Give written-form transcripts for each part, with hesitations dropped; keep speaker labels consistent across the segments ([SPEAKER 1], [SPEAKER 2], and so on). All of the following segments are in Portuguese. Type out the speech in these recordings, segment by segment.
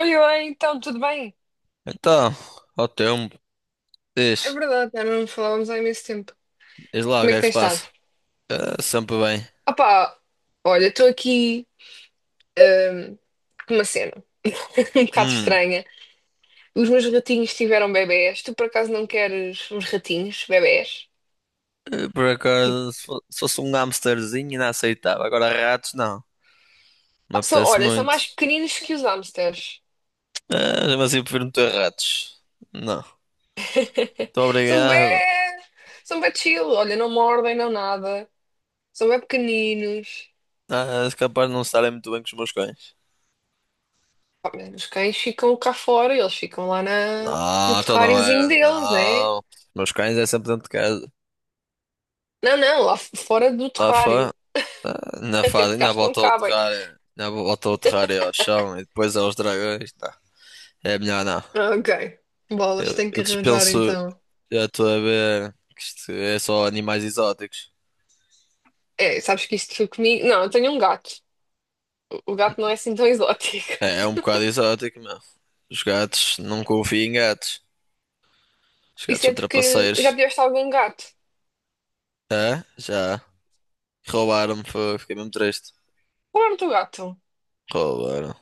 [SPEAKER 1] Oi, oi, então, tudo bem?
[SPEAKER 2] Então, ao tempo,
[SPEAKER 1] É
[SPEAKER 2] diz,
[SPEAKER 1] verdade, já não falávamos há imenso tempo.
[SPEAKER 2] diz lá o
[SPEAKER 1] Como
[SPEAKER 2] que
[SPEAKER 1] é
[SPEAKER 2] é
[SPEAKER 1] que
[SPEAKER 2] que se
[SPEAKER 1] tens estado?
[SPEAKER 2] passa. Ah, sempre bem.
[SPEAKER 1] Opá, olha, estou aqui hum, com uma cena um bocado
[SPEAKER 2] Hum,
[SPEAKER 1] estranha. Os meus ratinhos tiveram bebés. Tu por acaso não queres uns ratinhos, bebés?
[SPEAKER 2] por
[SPEAKER 1] Tipo,
[SPEAKER 2] acaso, se fosse um hamsterzinho ainda aceitava. Agora ratos, não. Não me
[SPEAKER 1] ah,
[SPEAKER 2] apetece
[SPEAKER 1] olha, são
[SPEAKER 2] muito.
[SPEAKER 1] mais pequeninos que os hamsters.
[SPEAKER 2] Ah, mas eu prefiro não ter ratos. Não. Muito
[SPEAKER 1] São
[SPEAKER 2] obrigado.
[SPEAKER 1] bem, são bem chill. Olha, não mordem, não nada. São bem pequeninos.
[SPEAKER 2] Ah, és capaz de não estarem muito bem com os meus cães.
[SPEAKER 1] Pá, mas os cães ficam cá fora, eles ficam lá no
[SPEAKER 2] Não, então não
[SPEAKER 1] terráriozinho
[SPEAKER 2] era.
[SPEAKER 1] deles, né?
[SPEAKER 2] Não. Os meus cães é sempre dentro de casa.
[SPEAKER 1] Não, não, lá fora do
[SPEAKER 2] Lá fora,
[SPEAKER 1] terrário.
[SPEAKER 2] na
[SPEAKER 1] Até
[SPEAKER 2] fase,
[SPEAKER 1] porque
[SPEAKER 2] ainda
[SPEAKER 1] acho que não
[SPEAKER 2] bota o
[SPEAKER 1] cabem.
[SPEAKER 2] terrário. Ainda bota o terrário ao chão e depois aos dragões. Tá. É melhor não.
[SPEAKER 1] Ah, ok. Bolas,
[SPEAKER 2] Eu,
[SPEAKER 1] tenho que
[SPEAKER 2] eu
[SPEAKER 1] arranjar
[SPEAKER 2] dispenso,
[SPEAKER 1] então.
[SPEAKER 2] já estou a ver que isto é só animais exóticos.
[SPEAKER 1] É, sabes que isto foi comigo. Não, eu tenho um gato. O gato não é assim tão exótico.
[SPEAKER 2] É um bocado exótico, meu. Os gatos, não confio em gatos. Os gatos
[SPEAKER 1] Isso
[SPEAKER 2] são
[SPEAKER 1] é porque já
[SPEAKER 2] trapaceiros.
[SPEAKER 1] tiveste algum gato.
[SPEAKER 2] É? Já. Roubaram-me, fiquei mesmo triste.
[SPEAKER 1] Roubaram o teu gato.
[SPEAKER 2] Roubaram.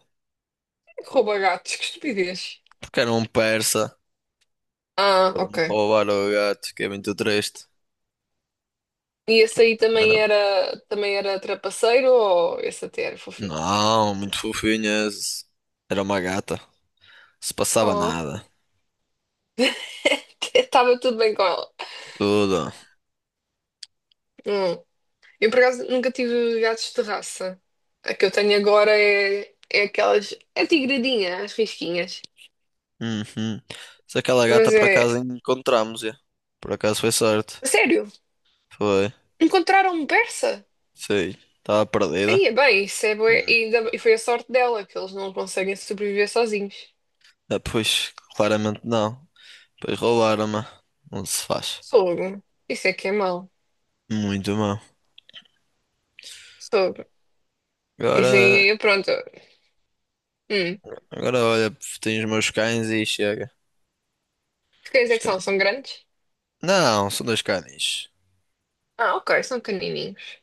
[SPEAKER 1] Quem é que rouba gatos, que estupidez.
[SPEAKER 2] Porque era um persa.
[SPEAKER 1] Ah,
[SPEAKER 2] Foram-me
[SPEAKER 1] ok.
[SPEAKER 2] roubar o gato, fiquei muito triste.
[SPEAKER 1] E esse aí
[SPEAKER 2] Era-
[SPEAKER 1] também era trapaceiro ou esse até era fofinho?
[SPEAKER 2] Não, muito fofinhas. Era uma gata. Se passava
[SPEAKER 1] Oh,
[SPEAKER 2] nada.
[SPEAKER 1] estava tudo bem com ela.
[SPEAKER 2] Tudo.
[SPEAKER 1] Hum. Eu, por acaso, nunca tive gatos de raça. A que eu tenho agora é aquelas. É tigradinha, as risquinhas.
[SPEAKER 2] Uhum. Se aquela gata
[SPEAKER 1] Mas
[SPEAKER 2] por acaso
[SPEAKER 1] é.
[SPEAKER 2] encontramos, já. Por acaso foi sorte.
[SPEAKER 1] Sério,
[SPEAKER 2] Foi.
[SPEAKER 1] encontraram um persa?
[SPEAKER 2] Sei, estava perdida.
[SPEAKER 1] Aí é bem, e foi a sorte dela, que eles não conseguem sobreviver sozinhos.
[SPEAKER 2] Ah, pois, claramente não. Pois roubaram-me. Não se faz.
[SPEAKER 1] Fogo. Isso é que é mau.
[SPEAKER 2] Muito mal.
[SPEAKER 1] Fogo. Isso
[SPEAKER 2] Agora,
[SPEAKER 1] aí, pronto. Hum.
[SPEAKER 2] agora olha, tenho os meus cães e chega.
[SPEAKER 1] Que cães
[SPEAKER 2] Os
[SPEAKER 1] é que são?
[SPEAKER 2] cães.
[SPEAKER 1] São grandes?
[SPEAKER 2] Não, são dois cães.
[SPEAKER 1] Ah, ok, são canininhos.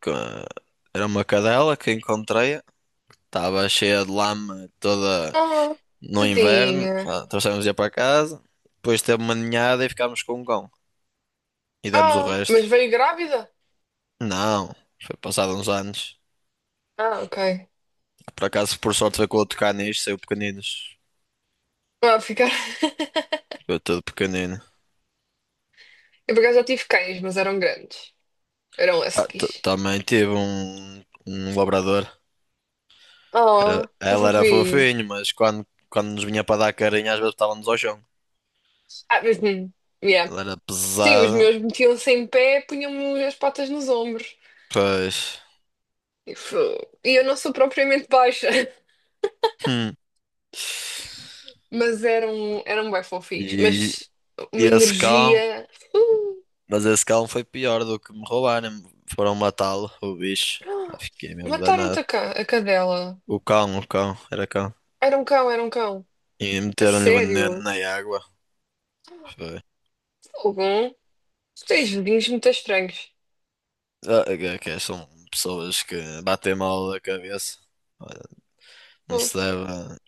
[SPEAKER 2] Co- Era uma cadela que encontrei. Estava cheia de lama toda
[SPEAKER 1] Ah,
[SPEAKER 2] no inverno.
[SPEAKER 1] tadinha.
[SPEAKER 2] Ah, trouxemos-a para casa. Depois teve uma ninhada e ficámos com um cão. E demos o
[SPEAKER 1] Ah,
[SPEAKER 2] resto.
[SPEAKER 1] mas veio grávida?
[SPEAKER 2] Não, foi passado uns anos.
[SPEAKER 1] Ah, ok.
[SPEAKER 2] Por acaso, por sorte, foi com outro caniche, saiu pequeninos.
[SPEAKER 1] Vai ficar.
[SPEAKER 2] Eu todo pequenino.
[SPEAKER 1] Eu por acaso já tive cães, mas eram grandes. Eram
[SPEAKER 2] Ah,
[SPEAKER 1] huskies.
[SPEAKER 2] também tive um labrador.
[SPEAKER 1] Oh, tão
[SPEAKER 2] Ela era
[SPEAKER 1] fofinhos.
[SPEAKER 2] fofinho, mas quando nos vinha para dar carinho, às vezes estávamos ao chão.
[SPEAKER 1] Ah, mas, yeah.
[SPEAKER 2] Ela era
[SPEAKER 1] Sim, os
[SPEAKER 2] pesada,
[SPEAKER 1] meus metiam-se em pé, punham-me as patas nos ombros.
[SPEAKER 2] pois.
[SPEAKER 1] E, fo- e eu não sou propriamente baixa,
[SPEAKER 2] Hum.
[SPEAKER 1] mas eram bem fofinhos.
[SPEAKER 2] E,
[SPEAKER 1] Mas
[SPEAKER 2] e
[SPEAKER 1] uma
[SPEAKER 2] esse cão,
[SPEAKER 1] energia. Uh,
[SPEAKER 2] mas esse cão foi pior do que me roubarem. Foram matá-lo, o bicho. Ah,
[SPEAKER 1] ah,
[SPEAKER 2] fiquei mesmo
[SPEAKER 1] mataram-te
[SPEAKER 2] danado.
[SPEAKER 1] a cadela.
[SPEAKER 2] O cão, era cão.
[SPEAKER 1] Era um cão, era um cão.
[SPEAKER 2] E
[SPEAKER 1] A
[SPEAKER 2] meteram-lhe veneno
[SPEAKER 1] sério.
[SPEAKER 2] na água. Foi.
[SPEAKER 1] Algum? Tu tens vizinhos muito estranhos.
[SPEAKER 2] Ah, que são pessoas que batem mal da cabeça. Não se deve.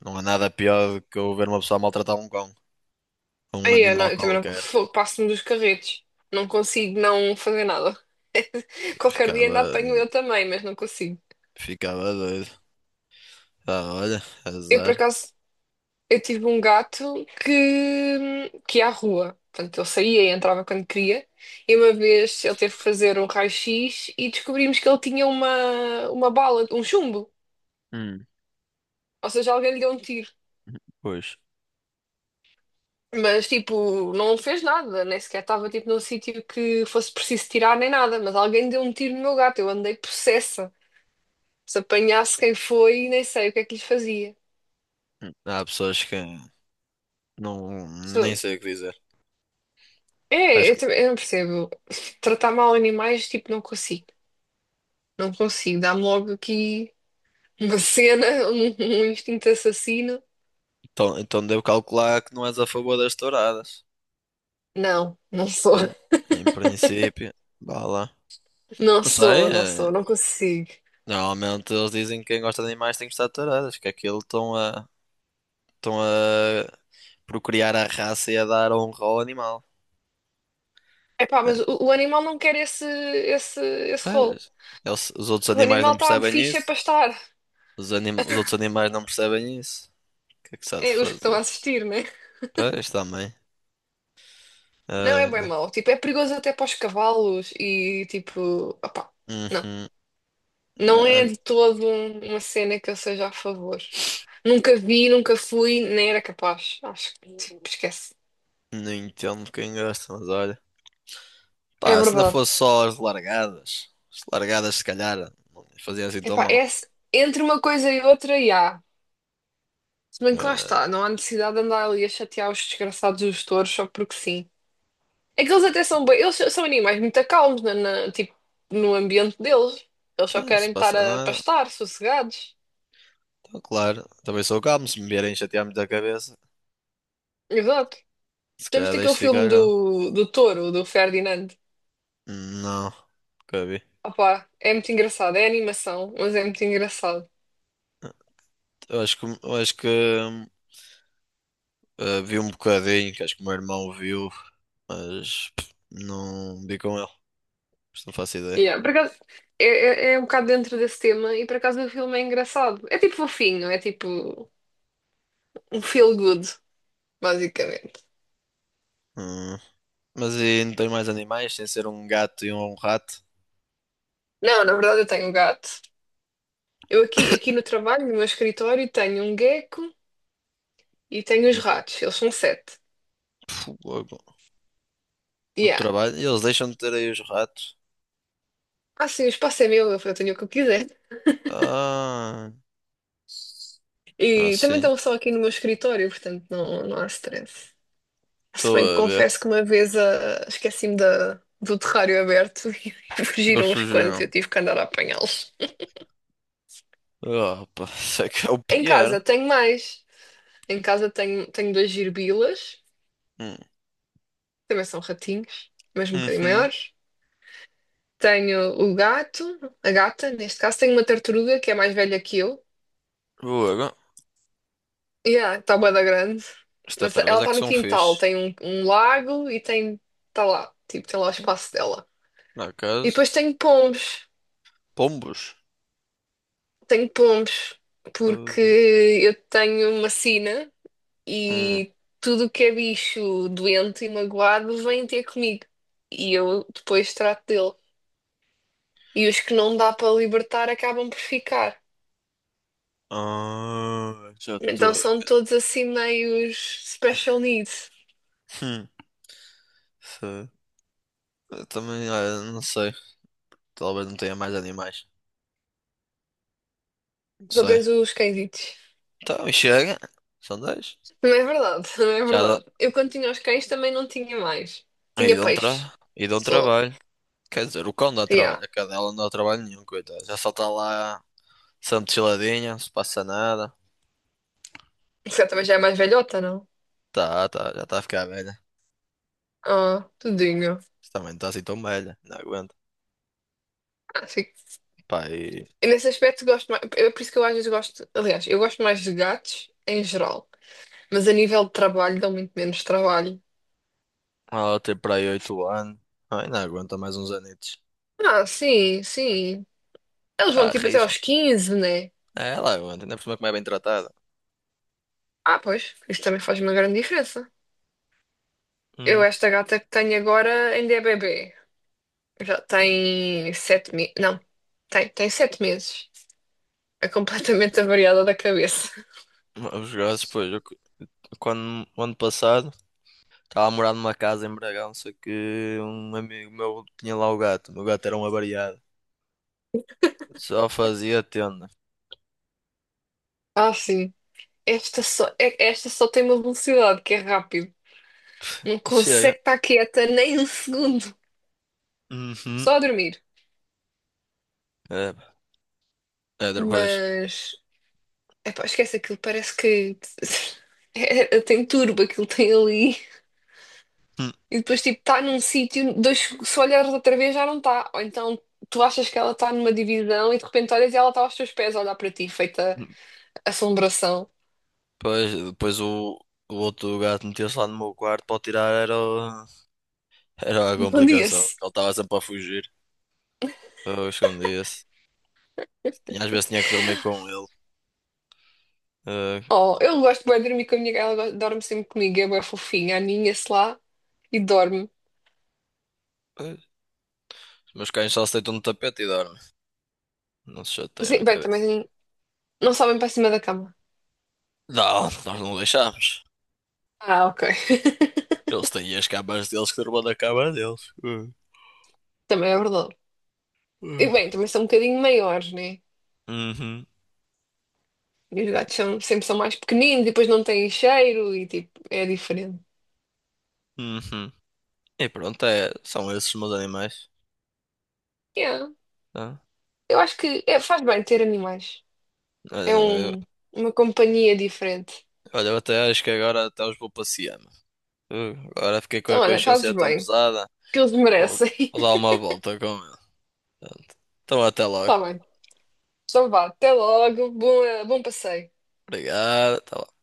[SPEAKER 2] Não há nada pior do que eu ver uma pessoa maltratar um cão, um
[SPEAKER 1] Aí, eu, não,
[SPEAKER 2] animal
[SPEAKER 1] eu também não
[SPEAKER 2] qualquer.
[SPEAKER 1] passo-me dos carretos. Não consigo não fazer nada. Qualquer dia ainda
[SPEAKER 2] Ficava,
[SPEAKER 1] apanho eu também, mas não consigo.
[SPEAKER 2] ficava doido. Ah, olha,
[SPEAKER 1] Eu, por
[SPEAKER 2] azar.
[SPEAKER 1] acaso, eu tive um gato que ia à rua. Portanto, ele saía e entrava quando queria. E uma vez ele teve que fazer um raio-x e descobrimos que ele tinha uma bala, um chumbo.
[SPEAKER 2] Hum,
[SPEAKER 1] Ou seja, alguém lhe deu um tiro.
[SPEAKER 2] pois.
[SPEAKER 1] Mas, tipo, não fez nada. Nem sequer estava, tipo, num sítio que fosse preciso tirar nem nada. Mas alguém deu um tiro no meu gato. Eu andei possessa. Se apanhasse quem foi, nem sei o que é que lhe fazia.
[SPEAKER 2] Há pessoas que não, nem
[SPEAKER 1] Se-
[SPEAKER 2] sei o que dizer. Que
[SPEAKER 1] É,
[SPEAKER 2] Acho que,
[SPEAKER 1] eu não percebo. Tratar mal animais, tipo, não consigo. Não consigo. Dá-me logo aqui uma cena, um instinto assassino.
[SPEAKER 2] então, então devo calcular que não és a favor das touradas.
[SPEAKER 1] Não, não sou.
[SPEAKER 2] Pois, em princípio, vá lá.
[SPEAKER 1] Não
[SPEAKER 2] Não sei,
[SPEAKER 1] sou, não sou, não consigo.
[SPEAKER 2] normalmente eles dizem que quem gosta de animais tem que gostar de touradas, que é aquilo estão a procriar a raça e a dar honra ao animal.
[SPEAKER 1] Epá, mas
[SPEAKER 2] É,
[SPEAKER 1] o animal não quer esse rolo.
[SPEAKER 2] pois. Os outros
[SPEAKER 1] O
[SPEAKER 2] animais
[SPEAKER 1] animal
[SPEAKER 2] não
[SPEAKER 1] está
[SPEAKER 2] percebem
[SPEAKER 1] fixe é para
[SPEAKER 2] isso.
[SPEAKER 1] estar.
[SPEAKER 2] Os outros animais não percebem isso. O que é que se há de
[SPEAKER 1] É, os que estão
[SPEAKER 2] fazer?
[SPEAKER 1] a assistir, né?
[SPEAKER 2] Pois, também.
[SPEAKER 1] Não é
[SPEAKER 2] Ah,
[SPEAKER 1] bem
[SPEAKER 2] pá.
[SPEAKER 1] mau. Tipo, é perigoso até para os cavalos e, tipo, opá. Não.
[SPEAKER 2] Uhum.
[SPEAKER 1] Não
[SPEAKER 2] Ah,
[SPEAKER 1] é de todo uma cena que eu seja a favor. Nunca vi, nunca fui, nem era capaz. Acho que tipo, esquece.
[SPEAKER 2] não entendo quem gosta, mas olha.
[SPEAKER 1] É
[SPEAKER 2] Pá, se não
[SPEAKER 1] verdade.
[SPEAKER 2] fosse só as largadas. As largadas, se calhar, não faziam assim tão
[SPEAKER 1] Epá, é,
[SPEAKER 2] mal.
[SPEAKER 1] entre uma coisa e outra, e há. Se bem que lá
[SPEAKER 2] Agora,
[SPEAKER 1] está, não há necessidade de andar ali a chatear os desgraçados dos touros só porque sim. É que eles até são bem, eles são animais muito calmos tipo, no ambiente deles. Eles só
[SPEAKER 2] então, se
[SPEAKER 1] querem estar
[SPEAKER 2] passa,
[SPEAKER 1] a
[SPEAKER 2] não é?
[SPEAKER 1] pastar, sossegados.
[SPEAKER 2] Então, claro. Também sou calmo. Se me vierem chatear-me da cabeça,
[SPEAKER 1] Exato.
[SPEAKER 2] se
[SPEAKER 1] Já
[SPEAKER 2] calhar
[SPEAKER 1] viste aquele
[SPEAKER 2] deixo
[SPEAKER 1] filme
[SPEAKER 2] ficar calmo.
[SPEAKER 1] do touro, do Ferdinand?
[SPEAKER 2] Não, nunca vi.
[SPEAKER 1] Opa, é muito engraçado, é animação, mas é muito engraçado.
[SPEAKER 2] Eu acho que. Vi um bocadinho, que acho que o meu irmão viu, mas não vi com ele, por isso não faço ideia.
[SPEAKER 1] Yeah, por acaso, é, é um bocado dentro desse tema e por acaso o filme é engraçado. É tipo fofinho, é tipo um feel good, basicamente.
[SPEAKER 2] Hum. Mas e não tenho mais animais, sem ser um gato e um rato.
[SPEAKER 1] Não, na verdade eu tenho um gato. Eu aqui, aqui no trabalho, no meu escritório, tenho um gecko e tenho os ratos, eles são sete.
[SPEAKER 2] Pô, logo, no
[SPEAKER 1] Yeah.
[SPEAKER 2] trabalho, e eles deixam de ter aí os ratos.
[SPEAKER 1] Ah, sim, o espaço é meu, eu tenho o que eu quiser.
[SPEAKER 2] Ah,
[SPEAKER 1] E também
[SPEAKER 2] assim,
[SPEAKER 1] estão só aqui no meu escritório, portanto não, não há stress. Se
[SPEAKER 2] estou
[SPEAKER 1] bem que
[SPEAKER 2] a ver.
[SPEAKER 1] confesso que uma vez esqueci-me do terrário aberto e
[SPEAKER 2] Eles
[SPEAKER 1] fugiram uns quantos, e
[SPEAKER 2] fugiram.
[SPEAKER 1] eu tive que andar a apanhá-los.
[SPEAKER 2] Opa, isso é que é o
[SPEAKER 1] Em
[SPEAKER 2] pior.
[SPEAKER 1] casa tenho mais. Em casa tenho duas girbilas,
[SPEAKER 2] Hum.
[SPEAKER 1] também são ratinhos, mas um bocadinho
[SPEAKER 2] Uhum.
[SPEAKER 1] maiores. Tenho o gato, a gata, neste caso. Tenho uma tartaruga que é mais velha que eu.
[SPEAKER 2] Logo,
[SPEAKER 1] Yeah, está bué da grande.
[SPEAKER 2] as
[SPEAKER 1] Mas ela
[SPEAKER 2] tartarugas é
[SPEAKER 1] está
[SPEAKER 2] que
[SPEAKER 1] no
[SPEAKER 2] são
[SPEAKER 1] quintal,
[SPEAKER 2] fixe.
[SPEAKER 1] tem um lago e tem, está lá, tipo, tem lá o espaço dela.
[SPEAKER 2] Na
[SPEAKER 1] E
[SPEAKER 2] casa,
[SPEAKER 1] depois tenho pombos.
[SPEAKER 2] pombos.
[SPEAKER 1] Tenho pombos, porque
[SPEAKER 2] Ah,
[SPEAKER 1] eu tenho uma sina
[SPEAKER 2] hum.
[SPEAKER 1] e tudo o que é bicho doente e magoado vem ter comigo. E eu depois trato dele. E os que não dá para libertar acabam por ficar.
[SPEAKER 2] Ah, já
[SPEAKER 1] Então
[SPEAKER 2] estou.
[SPEAKER 1] são todos assim meios special needs.
[SPEAKER 2] Hum, Sei. Eu também, olha, não sei. Talvez não tenha mais animais. Não
[SPEAKER 1] Só
[SPEAKER 2] sei.
[SPEAKER 1] tens os cãezitos.
[SPEAKER 2] Então, e chega. São 10.
[SPEAKER 1] Não é verdade, não é
[SPEAKER 2] Já dá.
[SPEAKER 1] verdade. Eu quando tinha os cães também não tinha mais.
[SPEAKER 2] E
[SPEAKER 1] Tinha
[SPEAKER 2] dão,
[SPEAKER 1] peixe.
[SPEAKER 2] tra... e dão
[SPEAKER 1] Só.
[SPEAKER 2] trabalho. Quer dizer, o cão dá
[SPEAKER 1] Yeah.
[SPEAKER 2] trabalho. A cadela não dá trabalho nenhum, coitada. Já só está lá, sempre chiladinha, não se passa nada.
[SPEAKER 1] Você também já é mais velhota, não?
[SPEAKER 2] Tá, tá, já está a ficar velha.
[SPEAKER 1] Ah, tudinho.
[SPEAKER 2] Também não está assim tão velha. Não aguenta.
[SPEAKER 1] Ah, sim.
[SPEAKER 2] Pá, e.
[SPEAKER 1] Nesse aspecto gosto mais, é por isso que eu às vezes gosto, aliás, eu gosto mais de gatos em geral, mas a nível de trabalho dão muito menos trabalho.
[SPEAKER 2] Ela tem para aí 8 anos. Ai, não aguenta mais uns anitos.
[SPEAKER 1] Ah, sim, sim. Eles
[SPEAKER 2] Tá
[SPEAKER 1] vão
[SPEAKER 2] a
[SPEAKER 1] tipo até aos
[SPEAKER 2] rija.
[SPEAKER 1] 15, né?
[SPEAKER 2] É, ela aguenta. Ainda por cima como é bem tratada.
[SPEAKER 1] Ah, pois, isso também faz uma grande diferença.
[SPEAKER 2] Hum.
[SPEAKER 1] Eu, esta gata que tenho agora ainda é bebê. Já tem 7 meses. Não, tem 7 meses. É completamente avariada da cabeça.
[SPEAKER 2] Os gajos, pois. Quando, o ano passado, estava a morar numa casa em Bragão, só que um amigo meu tinha lá o gato. O meu gato era um avariado. Só fazia tenda.
[SPEAKER 1] Ah, sim. Esta só, esta só tem uma velocidade que é rápido. Não
[SPEAKER 2] E chega.
[SPEAKER 1] consegue estar quieta nem um segundo.
[SPEAKER 2] Uhum.
[SPEAKER 1] Só a dormir.
[SPEAKER 2] É, é, depois.
[SPEAKER 1] Mas, epá, esquece aquilo, parece que é, tem turbo aquilo tem ali.
[SPEAKER 2] Hum,
[SPEAKER 1] E depois, tipo, está num sítio, dois, se olhares outra vez já não está. Ou então tu achas que ela está numa divisão e de repente olhas e ela está aos teus pés a olhar para ti, feita
[SPEAKER 2] hum.
[SPEAKER 1] assombração.
[SPEAKER 2] Depois o outro gato meteu-se lá no meu quarto para o tirar. Era a
[SPEAKER 1] Encandia-se.
[SPEAKER 2] complicação. Ele estava sempre a fugir. Eu escondia-se. E às vezes tinha que dormir com ele. Eh,
[SPEAKER 1] Oh, eu gosto bué de dormir com a minha gata, ela dorme sempre comigo, é bué fofinha, aninha-se lá e dorme.
[SPEAKER 2] eh, os meus cães só se deitam no tapete e dormem. Não se chateiam a
[SPEAKER 1] Sim, bem,
[SPEAKER 2] cabeça.
[SPEAKER 1] também não sobem para cima da cama.
[SPEAKER 2] Não, nós não deixámos.
[SPEAKER 1] Ah, ok.
[SPEAKER 2] Eles têm as camas deles que dormam na cama deles.
[SPEAKER 1] Também é verdade. E bem,
[SPEAKER 2] Uh.
[SPEAKER 1] também são um bocadinho maiores, né?
[SPEAKER 2] Uhum.
[SPEAKER 1] E os
[SPEAKER 2] E,
[SPEAKER 1] gatos são, sempre são mais pequeninos e depois não têm cheiro e tipo, é diferente.
[SPEAKER 2] uhum. E pronto, são esses os meus animais.
[SPEAKER 1] Yeah.
[SPEAKER 2] Tá?
[SPEAKER 1] Eu acho que faz bem ter animais. É
[SPEAKER 2] Olha, eu,
[SPEAKER 1] uma companhia diferente.
[SPEAKER 2] olha, eu até acho que agora até os vou passear, mano. Agora fiquei com a
[SPEAKER 1] Então, olha,
[SPEAKER 2] consciência
[SPEAKER 1] fazes
[SPEAKER 2] tão
[SPEAKER 1] bem,
[SPEAKER 2] pesada.
[SPEAKER 1] que eles
[SPEAKER 2] Vou,
[SPEAKER 1] merecem.
[SPEAKER 2] vou dar uma volta com ele. Pronto. Então até logo.
[SPEAKER 1] Tá bem. Então vá, até logo, bom passeio.
[SPEAKER 2] Obrigado. Até